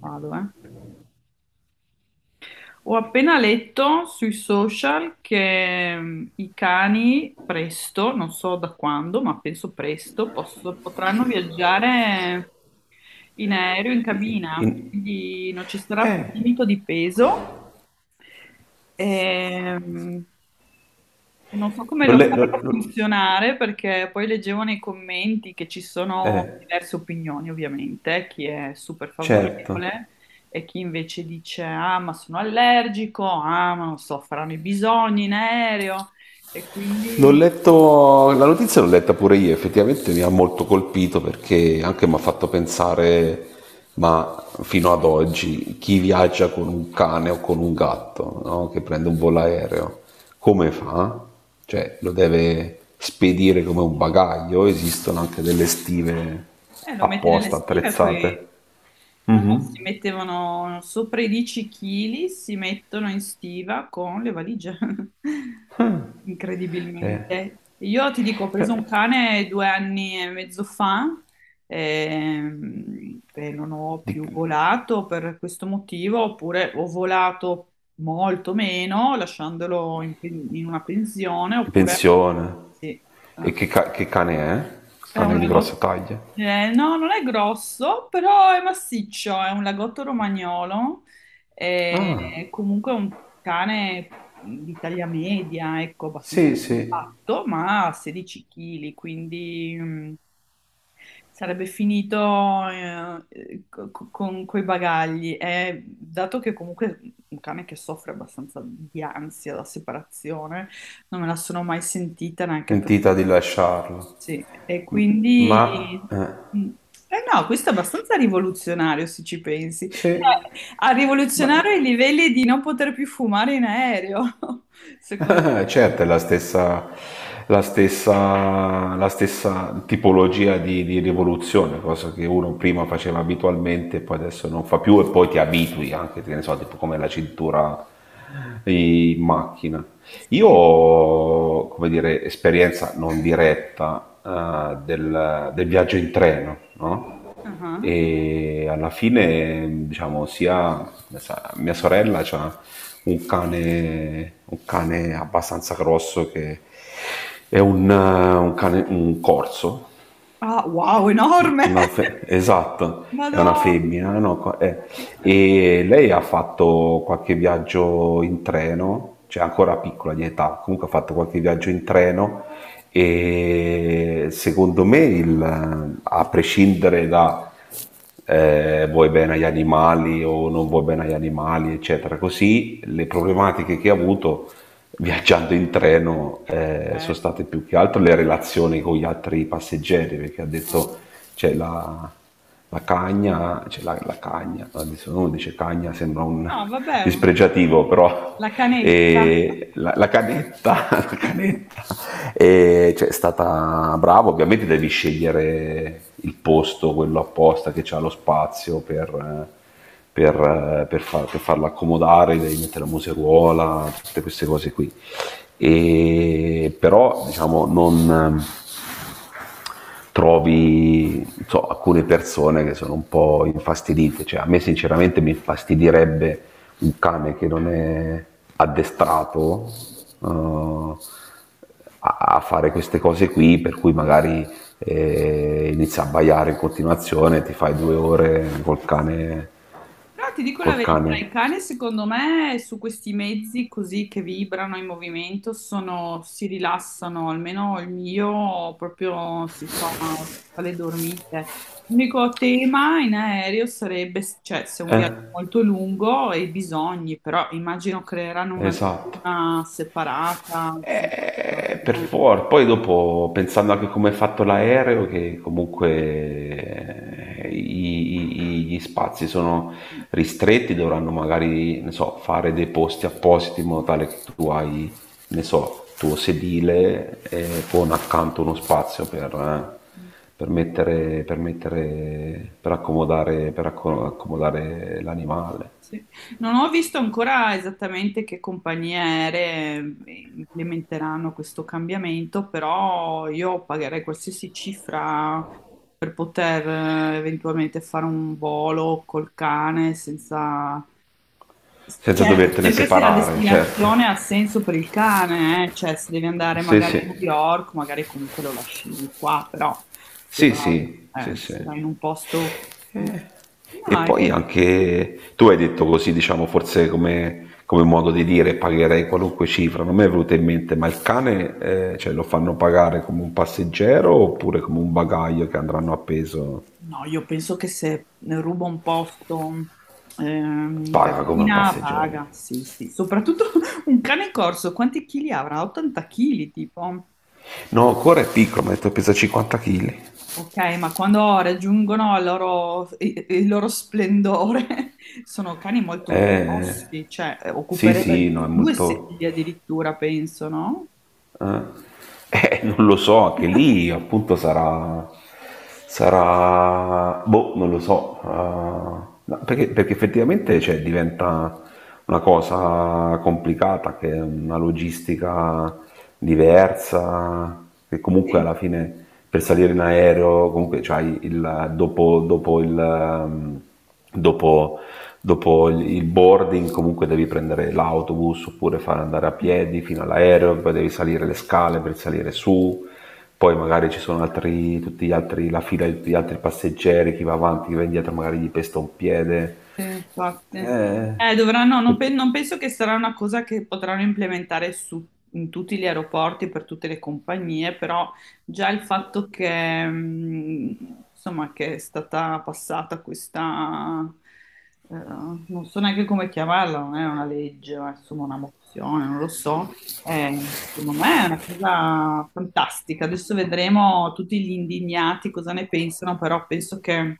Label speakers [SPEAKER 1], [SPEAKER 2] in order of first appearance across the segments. [SPEAKER 1] Vado, eh. Ho appena letto sui social che i cani presto, non so da quando, ma penso presto, potranno viaggiare in aereo, in cabina,
[SPEAKER 2] In-
[SPEAKER 1] quindi non ci sarà più
[SPEAKER 2] Eh,
[SPEAKER 1] limite di peso. Ehm, E non so come
[SPEAKER 2] l'ho
[SPEAKER 1] lo
[SPEAKER 2] le- l'ho-
[SPEAKER 1] faranno
[SPEAKER 2] l'ho-
[SPEAKER 1] funzionare perché poi leggevo nei commenti che ci sono
[SPEAKER 2] eh,
[SPEAKER 1] diverse opinioni, ovviamente, chi è super
[SPEAKER 2] certo.
[SPEAKER 1] favorevole e chi invece dice ah, ma sono allergico, ah, ma non so, faranno i bisogni in aereo e
[SPEAKER 2] L'ho
[SPEAKER 1] quindi.
[SPEAKER 2] letto, la notizia l'ho letta pure io, effettivamente mi ha molto colpito perché anche mi ha fatto pensare, ma fino ad oggi, chi viaggia con un cane o con un gatto, no? Che prende un volo aereo, come fa? Cioè, lo deve spedire come un bagaglio, esistono anche delle stive
[SPEAKER 1] Lo mette nelle
[SPEAKER 2] apposta
[SPEAKER 1] stive
[SPEAKER 2] attrezzate.
[SPEAKER 1] qui. No, no,
[SPEAKER 2] Mhm.
[SPEAKER 1] si mettevano sopra i 10 kg, si mettono in stiva con le valigie,
[SPEAKER 2] Eh,
[SPEAKER 1] incredibilmente. Io ti dico, ho
[SPEAKER 2] Beh,
[SPEAKER 1] preso un cane 2 anni e mezzo fa, e non ho più
[SPEAKER 2] di-
[SPEAKER 1] volato per questo motivo, oppure ho volato molto meno lasciandolo in, in una pensione, oppure
[SPEAKER 2] Pensione.
[SPEAKER 1] sì,
[SPEAKER 2] E
[SPEAKER 1] eh,
[SPEAKER 2] che cane è?
[SPEAKER 1] è un
[SPEAKER 2] Cane di grossa
[SPEAKER 1] lagotto.
[SPEAKER 2] taglia.
[SPEAKER 1] Eh, no, non è grosso, però è massiccio, è un lagotto romagnolo. È
[SPEAKER 2] Ah,
[SPEAKER 1] comunque un cane di taglia media, ecco, abbastanza
[SPEAKER 2] sì, sì.
[SPEAKER 1] compatto, ma a 16 kg, quindi sarebbe finito con quei bagagli. E dato che comunque è un cane che soffre abbastanza di ansia da separazione, non me la sono mai sentita neanche per.
[SPEAKER 2] Sentita di lasciarlo.
[SPEAKER 1] Sì, e
[SPEAKER 2] M- Ma...
[SPEAKER 1] quindi.
[SPEAKER 2] eh,
[SPEAKER 1] Mm. Eh no, questo è abbastanza rivoluzionario se ci pensi.
[SPEAKER 2] sì.
[SPEAKER 1] Cioè, a
[SPEAKER 2] Ma
[SPEAKER 1] rivoluzionare i livelli di non poter più fumare in aereo, secondo
[SPEAKER 2] Ah,
[SPEAKER 1] me.
[SPEAKER 2] certo, è la stessa, la stessa tipologia di rivoluzione, cosa che uno prima faceva abitualmente, e poi adesso non fa più e poi ti abitui anche, che ne so, tipo come la cintura in macchina. Io
[SPEAKER 1] Sì.
[SPEAKER 2] ho, come dire, esperienza non diretta, del, del viaggio in treno, no?
[SPEAKER 1] Ah,
[SPEAKER 2] E alla fine, diciamo, mia sorella ha un cane abbastanza grosso che è un cane, un corso,
[SPEAKER 1] ah, wow, enorme!
[SPEAKER 2] esatto, è una
[SPEAKER 1] Madonna,
[SPEAKER 2] femmina, no?
[SPEAKER 1] che carino.
[SPEAKER 2] E lei ha fatto qualche viaggio in treno, cioè ancora piccola di età, comunque ha fatto qualche viaggio in treno e secondo me, a prescindere da vuoi bene agli animali o non vuoi bene agli animali, eccetera, così le problematiche che ha avuto viaggiando in treno sono
[SPEAKER 1] Eh,
[SPEAKER 2] state più che altro le relazioni con gli altri passeggeri, perché ha
[SPEAKER 1] ah.
[SPEAKER 2] detto c'è la cagna, c'è la cagna, adesso uno dice cagna, sembra un
[SPEAKER 1] No, vabbè,
[SPEAKER 2] dispregiativo, però
[SPEAKER 1] la canetta.
[SPEAKER 2] e la canetta, la canetta e, cioè, è stata brava, ovviamente devi scegliere il posto, quello apposta che ha lo spazio per, per farla accomodare, devi mettere la museruola, tutte queste cose qui. E, però diciamo non trovi non so, alcune persone che sono un po' infastidite, cioè a me sinceramente mi infastidirebbe un cane che non è addestrato eh, a, a fare queste cose qui, per cui magari inizia a baiare in continuazione, ti fai due ore
[SPEAKER 1] Però ti dico la
[SPEAKER 2] col
[SPEAKER 1] verità, il
[SPEAKER 2] cane.
[SPEAKER 1] cane secondo me su questi mezzi così che vibrano in movimento si rilassano, almeno il mio proprio si fa, fa le dormite. L'unico tema in aereo sarebbe, cioè se è un viaggio
[SPEAKER 2] Eh,
[SPEAKER 1] molto lungo e i bisogni, però immagino creeranno una
[SPEAKER 2] esatto.
[SPEAKER 1] duna separata, insomma.
[SPEAKER 2] Per for poi dopo pensando anche come è fatto l'aereo, che comunque gli spazi sono
[SPEAKER 1] Eh.
[SPEAKER 2] ristretti, dovranno magari, ne so, fare dei posti appositi in modo tale che tu hai, ne so, tuo sedile con accanto uno spazio per mettere, per mettere, per accomodare, accomodare l'animale,
[SPEAKER 1] Sì. Non ho visto ancora esattamente che compagnie aeree implementeranno questo cambiamento, però io pagherei qualsiasi cifra per poter eventualmente fare un volo col cane senza.
[SPEAKER 2] senza
[SPEAKER 1] Certo,
[SPEAKER 2] dovertene
[SPEAKER 1] sempre se la
[SPEAKER 2] separare, certo.
[SPEAKER 1] destinazione ha senso per il cane, cioè se devi andare
[SPEAKER 2] Sì,
[SPEAKER 1] magari
[SPEAKER 2] sì.
[SPEAKER 1] a New York, magari comunque lo lasci qua, però se
[SPEAKER 2] Sì,
[SPEAKER 1] vai,
[SPEAKER 2] sì, sì,
[SPEAKER 1] eh,
[SPEAKER 2] sì.
[SPEAKER 1] se vai in un posto.
[SPEAKER 2] Eh, E
[SPEAKER 1] No,
[SPEAKER 2] poi
[SPEAKER 1] è
[SPEAKER 2] anche tu hai detto così, diciamo, forse come, come modo di dire, pagherei qualunque cifra. Non mi è venuto in mente, ma il cane, cioè, lo fanno pagare come un passeggero oppure come un bagaglio che andranno appeso?
[SPEAKER 1] No, io penso che se rubo un posto, in
[SPEAKER 2] Paga come un
[SPEAKER 1] cantina
[SPEAKER 2] passeggero.
[SPEAKER 1] paga, sì, sì. Soprattutto un cane corso, quanti chili avrà? 80 chili, tipo.
[SPEAKER 2] No, ancora è piccolo, mi ha detto pesa 50 kg.
[SPEAKER 1] Ok, ma quando raggiungono il loro, il loro splendore, sono cani molto
[SPEAKER 2] Eh,
[SPEAKER 1] grossi, cioè
[SPEAKER 2] sì, sì,
[SPEAKER 1] occuperebbe
[SPEAKER 2] no, è
[SPEAKER 1] due
[SPEAKER 2] molto...
[SPEAKER 1] sedili addirittura, penso, no?
[SPEAKER 2] eh, non lo so, anche lì appunto sarà... sarà... boh, non lo so. Ah, no, perché, perché effettivamente cioè, diventa una cosa complicata, che è una logistica diversa, che comunque
[SPEAKER 1] Sì.
[SPEAKER 2] alla fine per salire in aereo, comunque c'hai il, dopo, dopo, dopo il boarding comunque devi prendere l'autobus oppure fare andare a piedi fino all'aereo, poi devi salire le scale per salire su, poi magari ci sono altri, tutti gli altri, la fila di tutti gli altri passeggeri, chi va avanti, chi va indietro, magari gli pesta un piede.
[SPEAKER 1] Sì, infatti.
[SPEAKER 2] Eh,
[SPEAKER 1] Dovranno, no, non, non penso che sarà una cosa che potranno implementare in tutti gli aeroporti, per tutte le compagnie, però già il fatto che, insomma, che è stata passata questa, eh, non so neanche come chiamarla, non è una legge, ma insomma una mozione, non lo so, secondo me è una cosa fantastica. Adesso vedremo tutti gli indignati cosa ne pensano, però penso che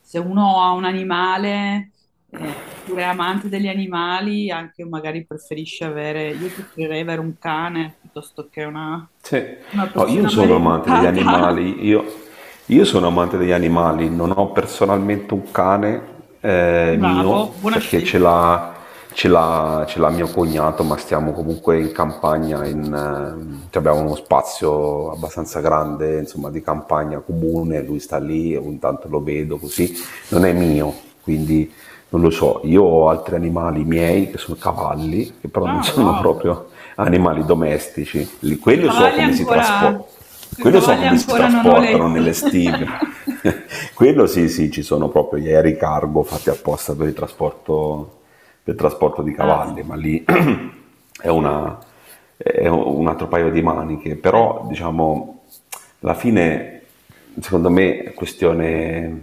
[SPEAKER 1] se uno ha un animale, oppure è amante degli animali, anche magari preferisce avere, io preferirei avere un cane piuttosto che una,
[SPEAKER 2] Sì.
[SPEAKER 1] una
[SPEAKER 2] No,
[SPEAKER 1] persona
[SPEAKER 2] io sono amante degli
[SPEAKER 1] maleducata.
[SPEAKER 2] animali, io sono amante degli animali, non ho personalmente un cane
[SPEAKER 1] Bravo,
[SPEAKER 2] mio
[SPEAKER 1] buona
[SPEAKER 2] perché ce
[SPEAKER 1] scelta.
[SPEAKER 2] l'ha, ce l'ha mio cognato, ma stiamo comunque in campagna, cioè abbiamo uno spazio abbastanza grande, insomma, di campagna comune, lui sta lì e ogni tanto lo vedo così, non è mio, quindi non lo so, io ho altri animali miei che sono cavalli, che però non
[SPEAKER 1] Ah,
[SPEAKER 2] sono
[SPEAKER 1] wow.
[SPEAKER 2] proprio animali domestici.
[SPEAKER 1] Sui
[SPEAKER 2] Quello so
[SPEAKER 1] cavalli
[SPEAKER 2] come si
[SPEAKER 1] ancora,
[SPEAKER 2] trasporta.
[SPEAKER 1] sui
[SPEAKER 2] Quello so
[SPEAKER 1] cavalli
[SPEAKER 2] come si
[SPEAKER 1] ancora non ho
[SPEAKER 2] trasportano nelle
[SPEAKER 1] letto.
[SPEAKER 2] stive. Quello sì, sì, ci sono proprio gli aerei cargo fatti apposta per il trasporto di
[SPEAKER 1] Ah,
[SPEAKER 2] cavalli, ma
[SPEAKER 1] sì.
[SPEAKER 2] lì è, una- è un altro paio di maniche,
[SPEAKER 1] Eh,
[SPEAKER 2] però diciamo, alla fine, secondo me, è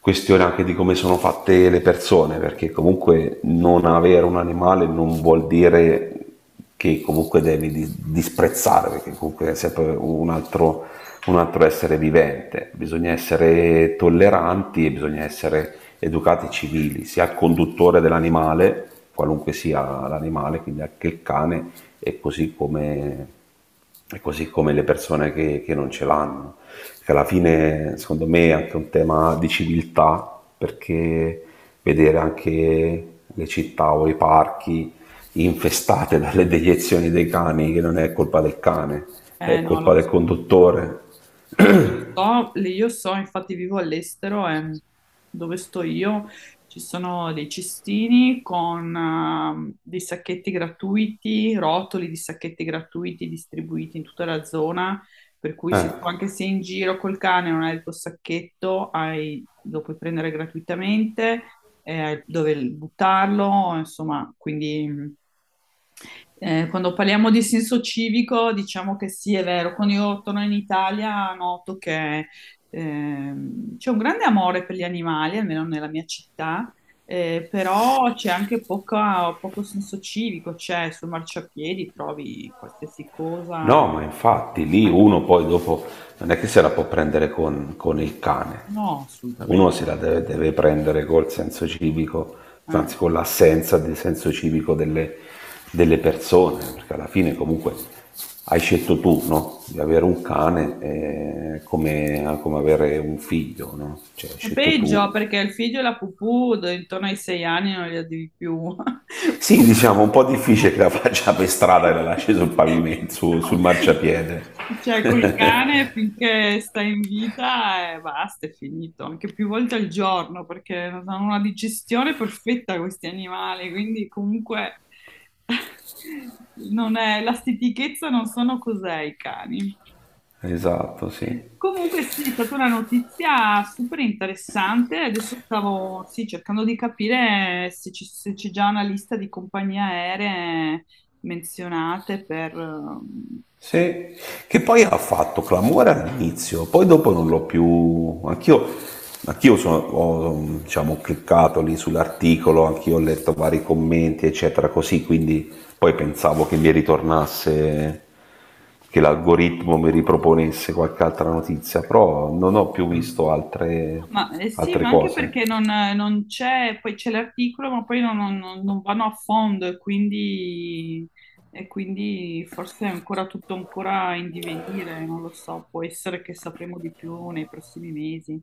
[SPEAKER 2] questione anche di come sono fatte le persone, perché comunque non avere un animale non vuol dire che comunque devi disprezzare, perché comunque è sempre un altro essere vivente. Bisogna essere tolleranti e bisogna essere educati civili, sia al conduttore dell'animale, qualunque sia l'animale, quindi anche il cane, e così come, e così come le persone che non ce l'hanno. Che alla fine, secondo me, è anche un tema di civiltà, perché vedere anche le città o i parchi infestate dalle deiezioni dei cani, che non è colpa del cane,
[SPEAKER 1] Eh
[SPEAKER 2] è
[SPEAKER 1] no, lo
[SPEAKER 2] colpa del
[SPEAKER 1] so.
[SPEAKER 2] conduttore.
[SPEAKER 1] Io io so, infatti vivo all'estero e dove sto io ci sono dei cestini con dei sacchetti gratuiti, rotoli di sacchetti gratuiti distribuiti in tutta la zona, per cui se tu
[SPEAKER 2] Ecco.
[SPEAKER 1] anche sei in giro col cane e non hai il tuo sacchetto, lo puoi prendere gratuitamente, dove buttarlo, insomma, quindi, quando parliamo di senso civico, diciamo che sì, è vero. Quando io torno in Italia noto che c'è un grande amore per gli animali, almeno nella mia città, però c'è anche poco senso civico, cioè sul marciapiedi trovi qualsiasi cosa.
[SPEAKER 2] No, ma infatti lì
[SPEAKER 1] anche-
[SPEAKER 2] uno poi dopo non è che se la può prendere con il cane,
[SPEAKER 1] No,
[SPEAKER 2] uno
[SPEAKER 1] assolutamente.
[SPEAKER 2] se la deve prendere col senso civico,
[SPEAKER 1] Eh,
[SPEAKER 2] anzi con l'assenza di senso civico delle persone, perché alla fine comunque hai scelto tu, no? Di avere un cane come avere un figlio, no? Cioè hai
[SPEAKER 1] È
[SPEAKER 2] scelto tu.
[SPEAKER 1] peggio perché il figlio e la pupù intorno ai 6 anni non li devi più.
[SPEAKER 2] Sì, diciamo, un po' difficile che la faccia per strada e la lasci sul pavimento, sul marciapiede.
[SPEAKER 1] Cioè, col cane finché sta in vita e basta, è finito. Anche più volte al giorno perché hanno una digestione perfetta questi animali, quindi comunque non è, la stitichezza non sono cos'è i cani.
[SPEAKER 2] Esatto, sì.
[SPEAKER 1] Comunque sì, è stata una notizia super interessante. Adesso stavo sì, cercando di capire se se c'è già una lista di compagnie aeree menzionate per.
[SPEAKER 2] Sì, che poi ha fatto clamore all'inizio, poi dopo non l'ho più... anch'io ho diciamo, cliccato lì sull'articolo, anch'io ho letto vari commenti, eccetera, così, quindi poi pensavo che mi ritornasse, che l'algoritmo mi riproponesse qualche altra notizia, però non ho più visto altre,
[SPEAKER 1] Ma, eh sì,
[SPEAKER 2] altre
[SPEAKER 1] ma anche
[SPEAKER 2] cose.
[SPEAKER 1] perché non, non c'è, poi c'è l'articolo, ma poi non vanno a fondo e quindi, forse è ancora tutto ancora in divenire, non lo so, può essere che sapremo di più nei prossimi mesi.